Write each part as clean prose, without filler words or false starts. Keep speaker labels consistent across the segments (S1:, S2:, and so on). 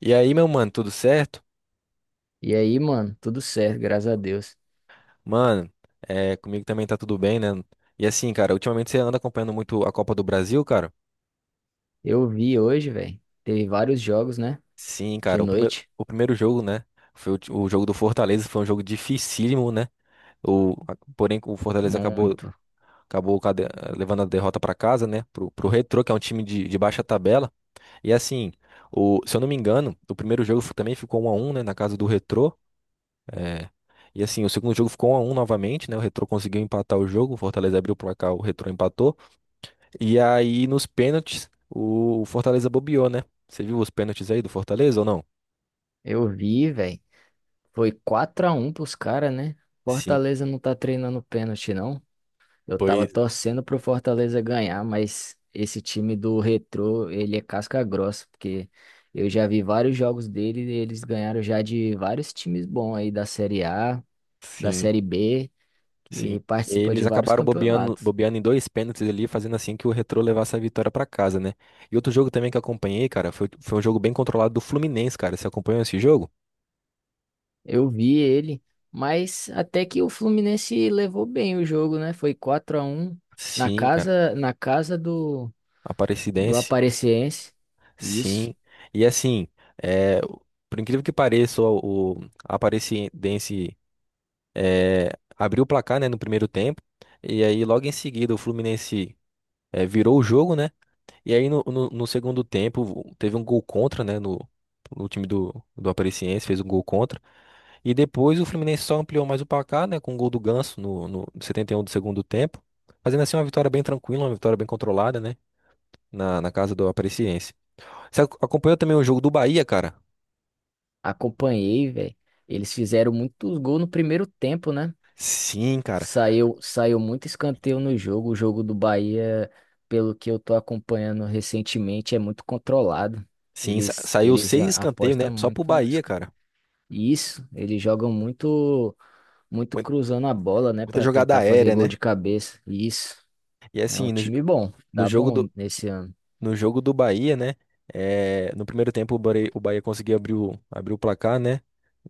S1: E aí, meu mano, tudo certo?
S2: E aí, mano, tudo certo, graças a Deus.
S1: Mano, comigo também tá tudo bem, né? E assim, cara, ultimamente você anda acompanhando muito a Copa do Brasil, cara?
S2: Eu vi hoje, velho. Teve vários jogos, né?
S1: Sim,
S2: De
S1: cara,
S2: noite.
S1: o primeiro jogo, né? Foi o jogo do Fortaleza, foi um jogo dificílimo, né? Porém, o Fortaleza acabou,
S2: Muito.
S1: acabou cade- levando a derrota pra casa, né? Pro Retrô, que é um time de baixa tabela. E assim, se eu não me engano, o primeiro jogo também ficou 1-1, né? Na casa do Retrô. É. E assim, o segundo jogo ficou 1 a um novamente, né? O Retrô conseguiu empatar o jogo, o Fortaleza abriu o placar, o Retrô empatou. E aí, nos pênaltis, o Fortaleza bobeou, né? Você viu os pênaltis aí do Fortaleza ou não?
S2: Eu vi, velho. Foi 4x1 pros caras, né?
S1: Sim,
S2: Fortaleza não tá treinando pênalti, não. Eu tava
S1: pois
S2: torcendo pro Fortaleza ganhar, mas esse time do Retrô, ele é casca grossa, porque eu já vi vários jogos dele e eles ganharam já de vários times bons aí da Série A, da
S1: sim,
S2: Série B,
S1: sim.
S2: que participa de
S1: Eles
S2: vários
S1: acabaram bobeando,
S2: campeonatos.
S1: bobeando em dois pênaltis ali, fazendo assim que o Retrô levasse a vitória pra casa, né? E outro jogo também que eu acompanhei, cara, foi um jogo bem controlado do Fluminense, cara. Você acompanhou esse jogo?
S2: Eu vi ele, mas até que o Fluminense levou bem o jogo, né? Foi 4 a um
S1: Sim, cara.
S2: na casa do
S1: Aparecidense.
S2: Aparecidense. Isso.
S1: Sim, e assim, é, por incrível que pareça, o Aparecidense é, abriu o placar, né, no primeiro tempo, e aí logo em seguida o Fluminense virou o jogo, né, e aí no segundo tempo teve um gol contra, né, no time do Aparecidense, fez um gol contra, e depois o Fluminense só ampliou mais o placar, né, com o gol do Ganso no 71 do segundo tempo, fazendo assim uma vitória bem tranquila, uma vitória bem controlada, né, na casa do Aparecidense. Você acompanhou também o jogo do Bahia, cara?
S2: Acompanhei, velho. Eles fizeram muitos gols no primeiro tempo, né?
S1: Sim, cara.
S2: Saiu muito escanteio no jogo. O jogo do Bahia, pelo que eu tô acompanhando recentemente, é muito controlado.
S1: Sim,
S2: Eles,
S1: saiu
S2: eles
S1: seis
S2: a-
S1: escanteios, né?
S2: apostam
S1: Só pro
S2: muito no
S1: Bahia,
S2: escanteio.
S1: cara.
S2: Isso, eles jogam muito, muito
S1: Mui-
S2: cruzando a bola, né,
S1: Muita
S2: pra
S1: jogada
S2: tentar fazer
S1: aérea,
S2: gol
S1: né?
S2: de cabeça. Isso.
S1: E
S2: É um
S1: assim,
S2: time bom,
S1: no
S2: tá
S1: jogo
S2: bom
S1: do,
S2: nesse ano.
S1: no jogo do Bahia, né? É, no primeiro tempo o Bahia conseguiu abrir o placar, né?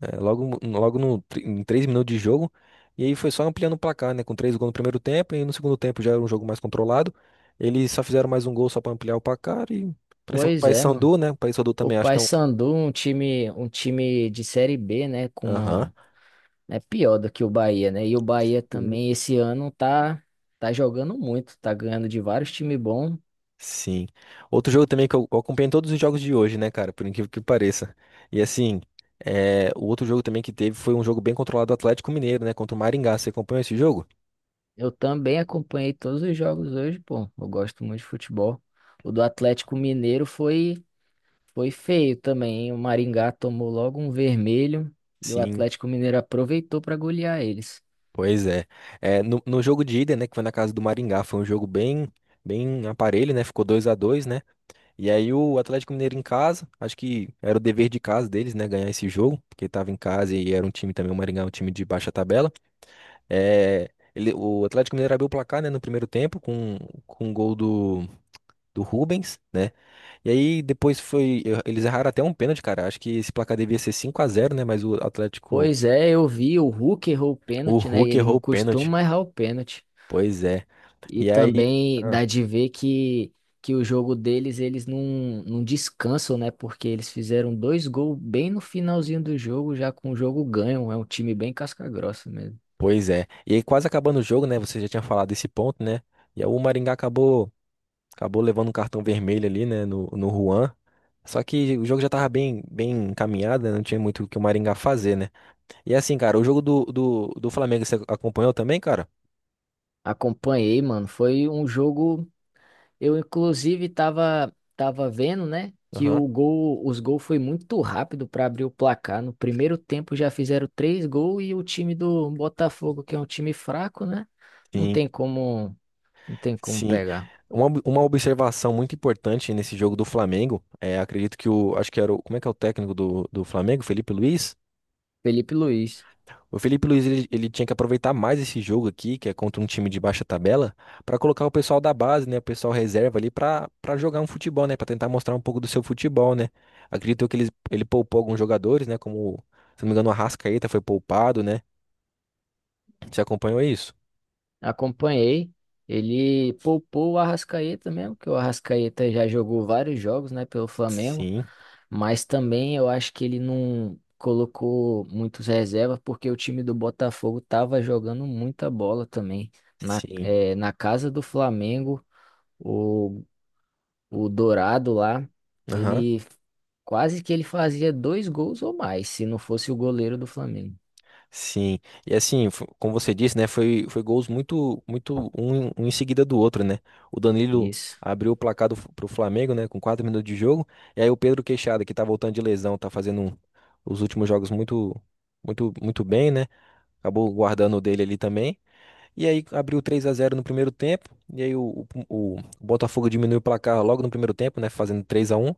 S1: É, logo no, tr- em 3 minutos de jogo. E aí foi só ampliando o placar, né? Com três gols no primeiro tempo. E no segundo tempo já era um jogo mais controlado. Eles só fizeram mais um gol só pra ampliar o placar. E pra cima do
S2: Pois é, mano.
S1: Paysandu, né? O Paysandu
S2: O
S1: também acho que é um.
S2: Paysandu, um time de série B, né, com
S1: Aham.
S2: uma é pior do que o Bahia, né? E o Bahia também esse ano tá jogando muito, tá ganhando de vários times bons.
S1: Sim. Outro jogo também que eu acompanhei todos os jogos de hoje, né, cara? Por incrível que pareça. E assim, o outro jogo também que teve foi um jogo bem controlado do Atlético Mineiro, né? Contra o Maringá. Você acompanhou esse jogo?
S2: Eu também acompanhei todos os jogos hoje, pô. Eu gosto muito de futebol. O do Atlético Mineiro foi, foi feio também, hein? O Maringá tomou logo um vermelho e o
S1: Sim,
S2: Atlético Mineiro aproveitou para golear eles.
S1: pois é. É, no jogo de ida, né? Que foi na casa do Maringá, foi um jogo bem aparelho, né? Ficou 2-2, né? E aí o Atlético Mineiro em casa, acho que era o dever de casa deles, né? Ganhar esse jogo, porque estava em casa e era um time também, o Maringá, é um time de baixa tabela. É, o Atlético Mineiro abriu o placar, né, no primeiro tempo com um gol do Rubens. E aí depois foi. Eles erraram até um pênalti, cara. Acho que esse placar devia ser 5-0, né? Mas o Atlético.
S2: Pois é, eu vi, o Hulk errou o
S1: O
S2: pênalti, né? E
S1: Hulk
S2: ele
S1: errou
S2: não
S1: o pênalti.
S2: costuma errar o pênalti.
S1: Pois é.
S2: E
S1: E aí.
S2: também
S1: Ah,
S2: dá de ver que o jogo deles, eles não, não descansam, né? Porque eles fizeram dois gols bem no finalzinho do jogo, já com o jogo ganho. É um time bem casca-grossa mesmo.
S1: pois é. E aí quase acabando o jogo, né? Você já tinha falado desse ponto, né? E aí o Maringá acabou levando um cartão vermelho ali, né, no Juan. Só que o jogo já tava bem encaminhado, né? Não tinha muito o que o Maringá fazer, né? E assim, cara, o jogo do Flamengo você acompanhou também, cara?
S2: Acompanhei, mano. Foi um jogo. Eu, inclusive, tava vendo, né, que
S1: Aham.
S2: o gol, os gols foi muito rápido para abrir o placar. No primeiro tempo já fizeram três gols e o time do Botafogo, que é um time fraco, né, não
S1: Sim,
S2: tem como, não tem como
S1: sim.
S2: pegar.
S1: Uma observação muito importante nesse jogo do Flamengo, é, acredito acho que era o, como é que é o técnico do Flamengo, Felipe Luiz?
S2: Felipe Luiz,
S1: O Felipe Luiz, ele tinha que aproveitar mais esse jogo aqui, que é contra um time de baixa tabela, pra colocar o pessoal da base, né, o pessoal reserva ali pra para jogar um futebol, né, pra tentar mostrar um pouco do seu futebol, né? Acredito que ele poupou alguns jogadores, né, como, se não me engano, o Arrascaeta foi poupado, né? Você acompanhou isso?
S2: acompanhei. Ele poupou o Arrascaeta mesmo, que o Arrascaeta já jogou vários jogos, né, pelo Flamengo.
S1: Sim.
S2: Mas também eu acho que ele não colocou muitos reservas porque o time do Botafogo estava jogando muita bola também. Na,
S1: Sim,
S2: na casa do Flamengo, o, o Dourado lá,
S1: aham,
S2: ele quase que ele fazia dois gols ou mais, se não fosse o goleiro do Flamengo.
S1: sim. E assim, como você disse, né, foi gols muito, muito um em seguida do outro, né? O Danilo
S2: Isso,
S1: abriu o placar pro Flamengo, né, com 4 minutos de jogo, e aí o Pedro Queixada, que tá voltando de lesão, tá os últimos jogos muito, muito, muito bem, né? Acabou guardando o dele ali também. E aí abriu 3-0 no primeiro tempo. E aí o Botafogo diminuiu o placar logo no primeiro tempo, né? Fazendo 3-1.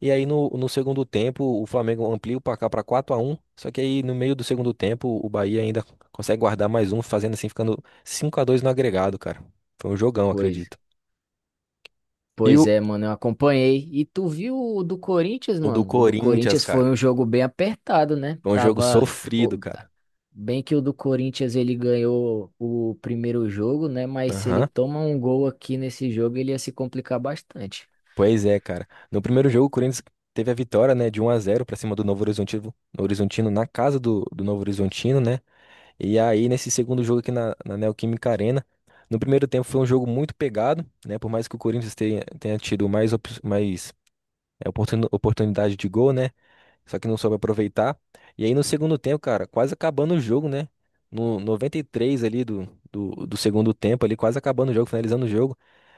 S1: E aí no segundo tempo o Flamengo amplia o placar para 4-1. Só que aí no meio do segundo tempo o Bahia ainda consegue guardar mais um, fazendo assim, ficando 5-2 no agregado, cara. Foi um jogão,
S2: pois,
S1: acredito. E
S2: pois é, mano, eu acompanhei. E tu viu o do Corinthians,
S1: o do
S2: mano? O do
S1: Corinthians,
S2: Corinthians foi
S1: cara.
S2: um jogo bem apertado, né?
S1: Foi um jogo
S2: Tava.
S1: sofrido,
S2: o-
S1: cara.
S2: Bem que o do Corinthians ele ganhou o primeiro jogo, né? Mas se ele
S1: Aham.
S2: toma um gol aqui nesse jogo, ele ia se complicar bastante.
S1: Pois é, cara. No primeiro jogo o Corinthians teve a vitória, né, de 1-0 para cima do Novo Horizontino, Horizontino na casa do Novo Horizontino, né? E aí, nesse segundo jogo aqui na Neoquímica Arena, no primeiro tempo foi um jogo muito pegado, né? Por mais que o Corinthians tenha, tenha tido mais, mais oportunidade de gol, né? Só que não soube aproveitar. E aí, no segundo tempo, cara, quase acabando o jogo, né? No 93 ali do segundo tempo, ali, quase acabando o jogo, finalizando o jogo,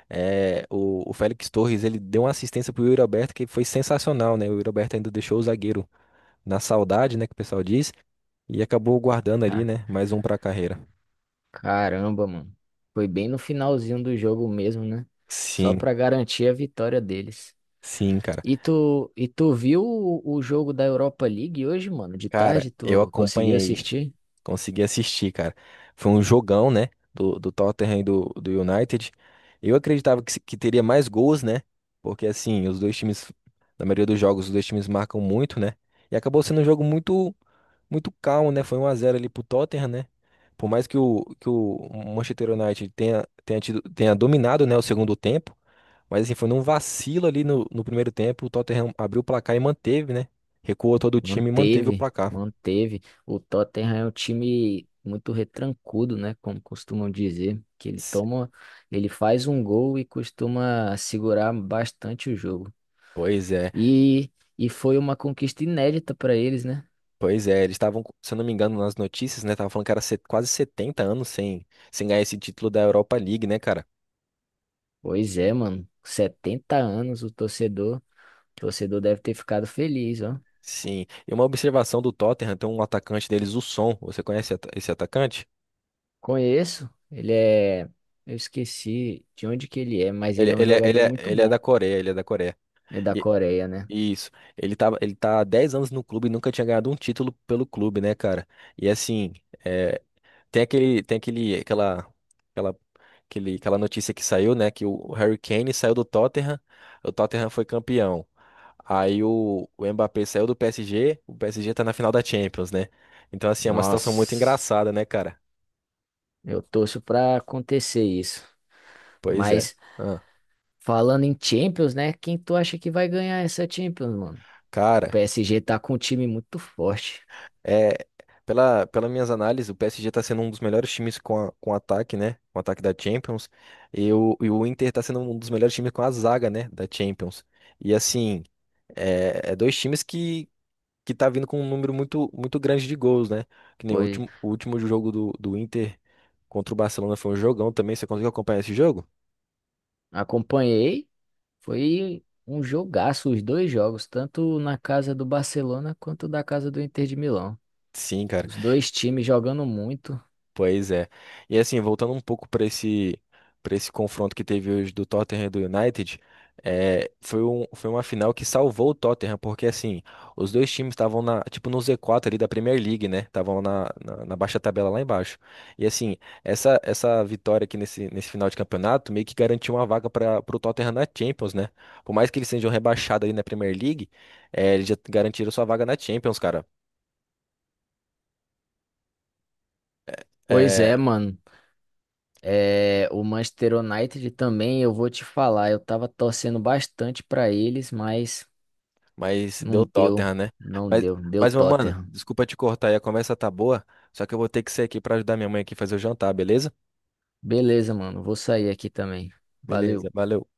S1: é, o Félix Torres, ele deu uma assistência pro Yuri Alberto que foi sensacional, né? O Yuri Alberto ainda deixou o zagueiro na saudade, né? Que o pessoal diz, e acabou guardando ali,
S2: Ah,
S1: né? Mais um pra carreira.
S2: caramba, mano. Foi bem no finalzinho do jogo mesmo, né? Só
S1: Sim,
S2: pra garantir a vitória deles.
S1: sim, cara.
S2: E tu viu o jogo da Europa League hoje, mano? De
S1: Cara,
S2: tarde,
S1: eu
S2: tu conseguiu
S1: acompanhei,
S2: assistir?
S1: consegui assistir, cara. Foi um jogão, né? Do Tottenham e do United. Eu acreditava que, que teria mais gols, né? Porque, assim, os dois times, na maioria dos jogos, os dois times marcam muito, né? E acabou sendo um jogo muito, muito calmo, né? Foi 1-0 ali pro Tottenham, né? Por mais que o Manchester United tenha, tenha tido, tenha dominado, né, o segundo tempo. Mas assim, foi num vacilo ali no primeiro tempo, o Tottenham abriu o placar e manteve, né? Recuou todo o time e manteve o
S2: Manteve,
S1: placar.
S2: manteve. O Tottenham é um time muito retrancudo, né? Como costumam dizer, que ele
S1: S-
S2: toma, ele faz um gol e costuma segurar bastante o jogo.
S1: Pois é,
S2: E, e foi uma conquista inédita para eles, né?
S1: eles estavam, se eu não me engano, nas notícias, né? Estavam falando que era quase 70 anos sem, sem ganhar esse título da Europa League, né, cara?
S2: Pois é, mano. 70 anos o torcedor deve ter ficado feliz, ó.
S1: Sim. E uma observação do Tottenham, tem um atacante deles, o Son. Você conhece esse atacante?
S2: Conheço, ele é, eu esqueci de onde que ele é, mas ele é um jogador muito
S1: Ele é
S2: bom.
S1: da Coreia, ele é da Coreia.
S2: É da
S1: E-
S2: Coreia, né?
S1: isso. Ele tava, ele tá há 10 anos no clube e nunca tinha ganhado um título pelo clube, né, cara? E assim. é, tem aquele, aquela, aquela, aquele, aquela notícia que saiu, né? Que o Harry Kane saiu do Tottenham, o Tottenham foi campeão. Aí o Mbappé saiu do PSG, o PSG tá na final da Champions, né? Então, assim, é uma situação muito
S2: Nossa.
S1: engraçada, né, cara?
S2: Eu torço pra acontecer isso.
S1: Pois é.
S2: Mas
S1: Ah,
S2: falando em Champions, né? Quem tu acha que vai ganhar essa Champions, mano? O
S1: cara,
S2: PSG tá com um time muito forte.
S1: é. Pelas minhas análises, o PSG tá sendo um dos melhores times com, com ataque, né? Com ataque da Champions. E e o Inter tá sendo um dos melhores times com a zaga, né? Da Champions. E assim, é, é dois times que tá vindo com um número muito, muito grande de gols, né? Que nem o
S2: Foi,
S1: último, o último jogo do Inter contra o Barcelona foi um jogão também. Você conseguiu acompanhar esse jogo?
S2: acompanhei, foi um jogaço, os dois jogos, tanto na casa do Barcelona quanto da casa do Inter de Milão.
S1: Sim, cara.
S2: Os dois times jogando muito.
S1: Pois é. E assim, voltando um pouco para esse confronto que teve hoje do Tottenham e do United, é, foi um, foi uma final que salvou o Tottenham, porque assim, os dois times estavam tipo no Z4 ali da Premier League, né? Estavam na baixa tabela lá embaixo. E assim, essa vitória aqui nesse final de campeonato meio que garantiu uma vaga para o Tottenham na Champions, né? Por mais que eles sejam rebaixados ali na Premier League, é, eles já garantiram sua vaga na Champions, cara.
S2: Pois
S1: Eh,
S2: é, mano. É, o Manchester United também, eu vou te falar, eu tava torcendo bastante pra eles, mas
S1: mas deu
S2: não deu,
S1: Tottenham, né?
S2: não
S1: Mas,
S2: deu, deu
S1: mas, meu mano,
S2: Tottenham.
S1: desculpa te cortar aí, a conversa tá boa, só que eu vou ter que sair aqui pra ajudar minha mãe aqui a fazer o jantar, beleza?
S2: Beleza, mano. Vou sair aqui também.
S1: Beleza,
S2: Valeu.
S1: valeu.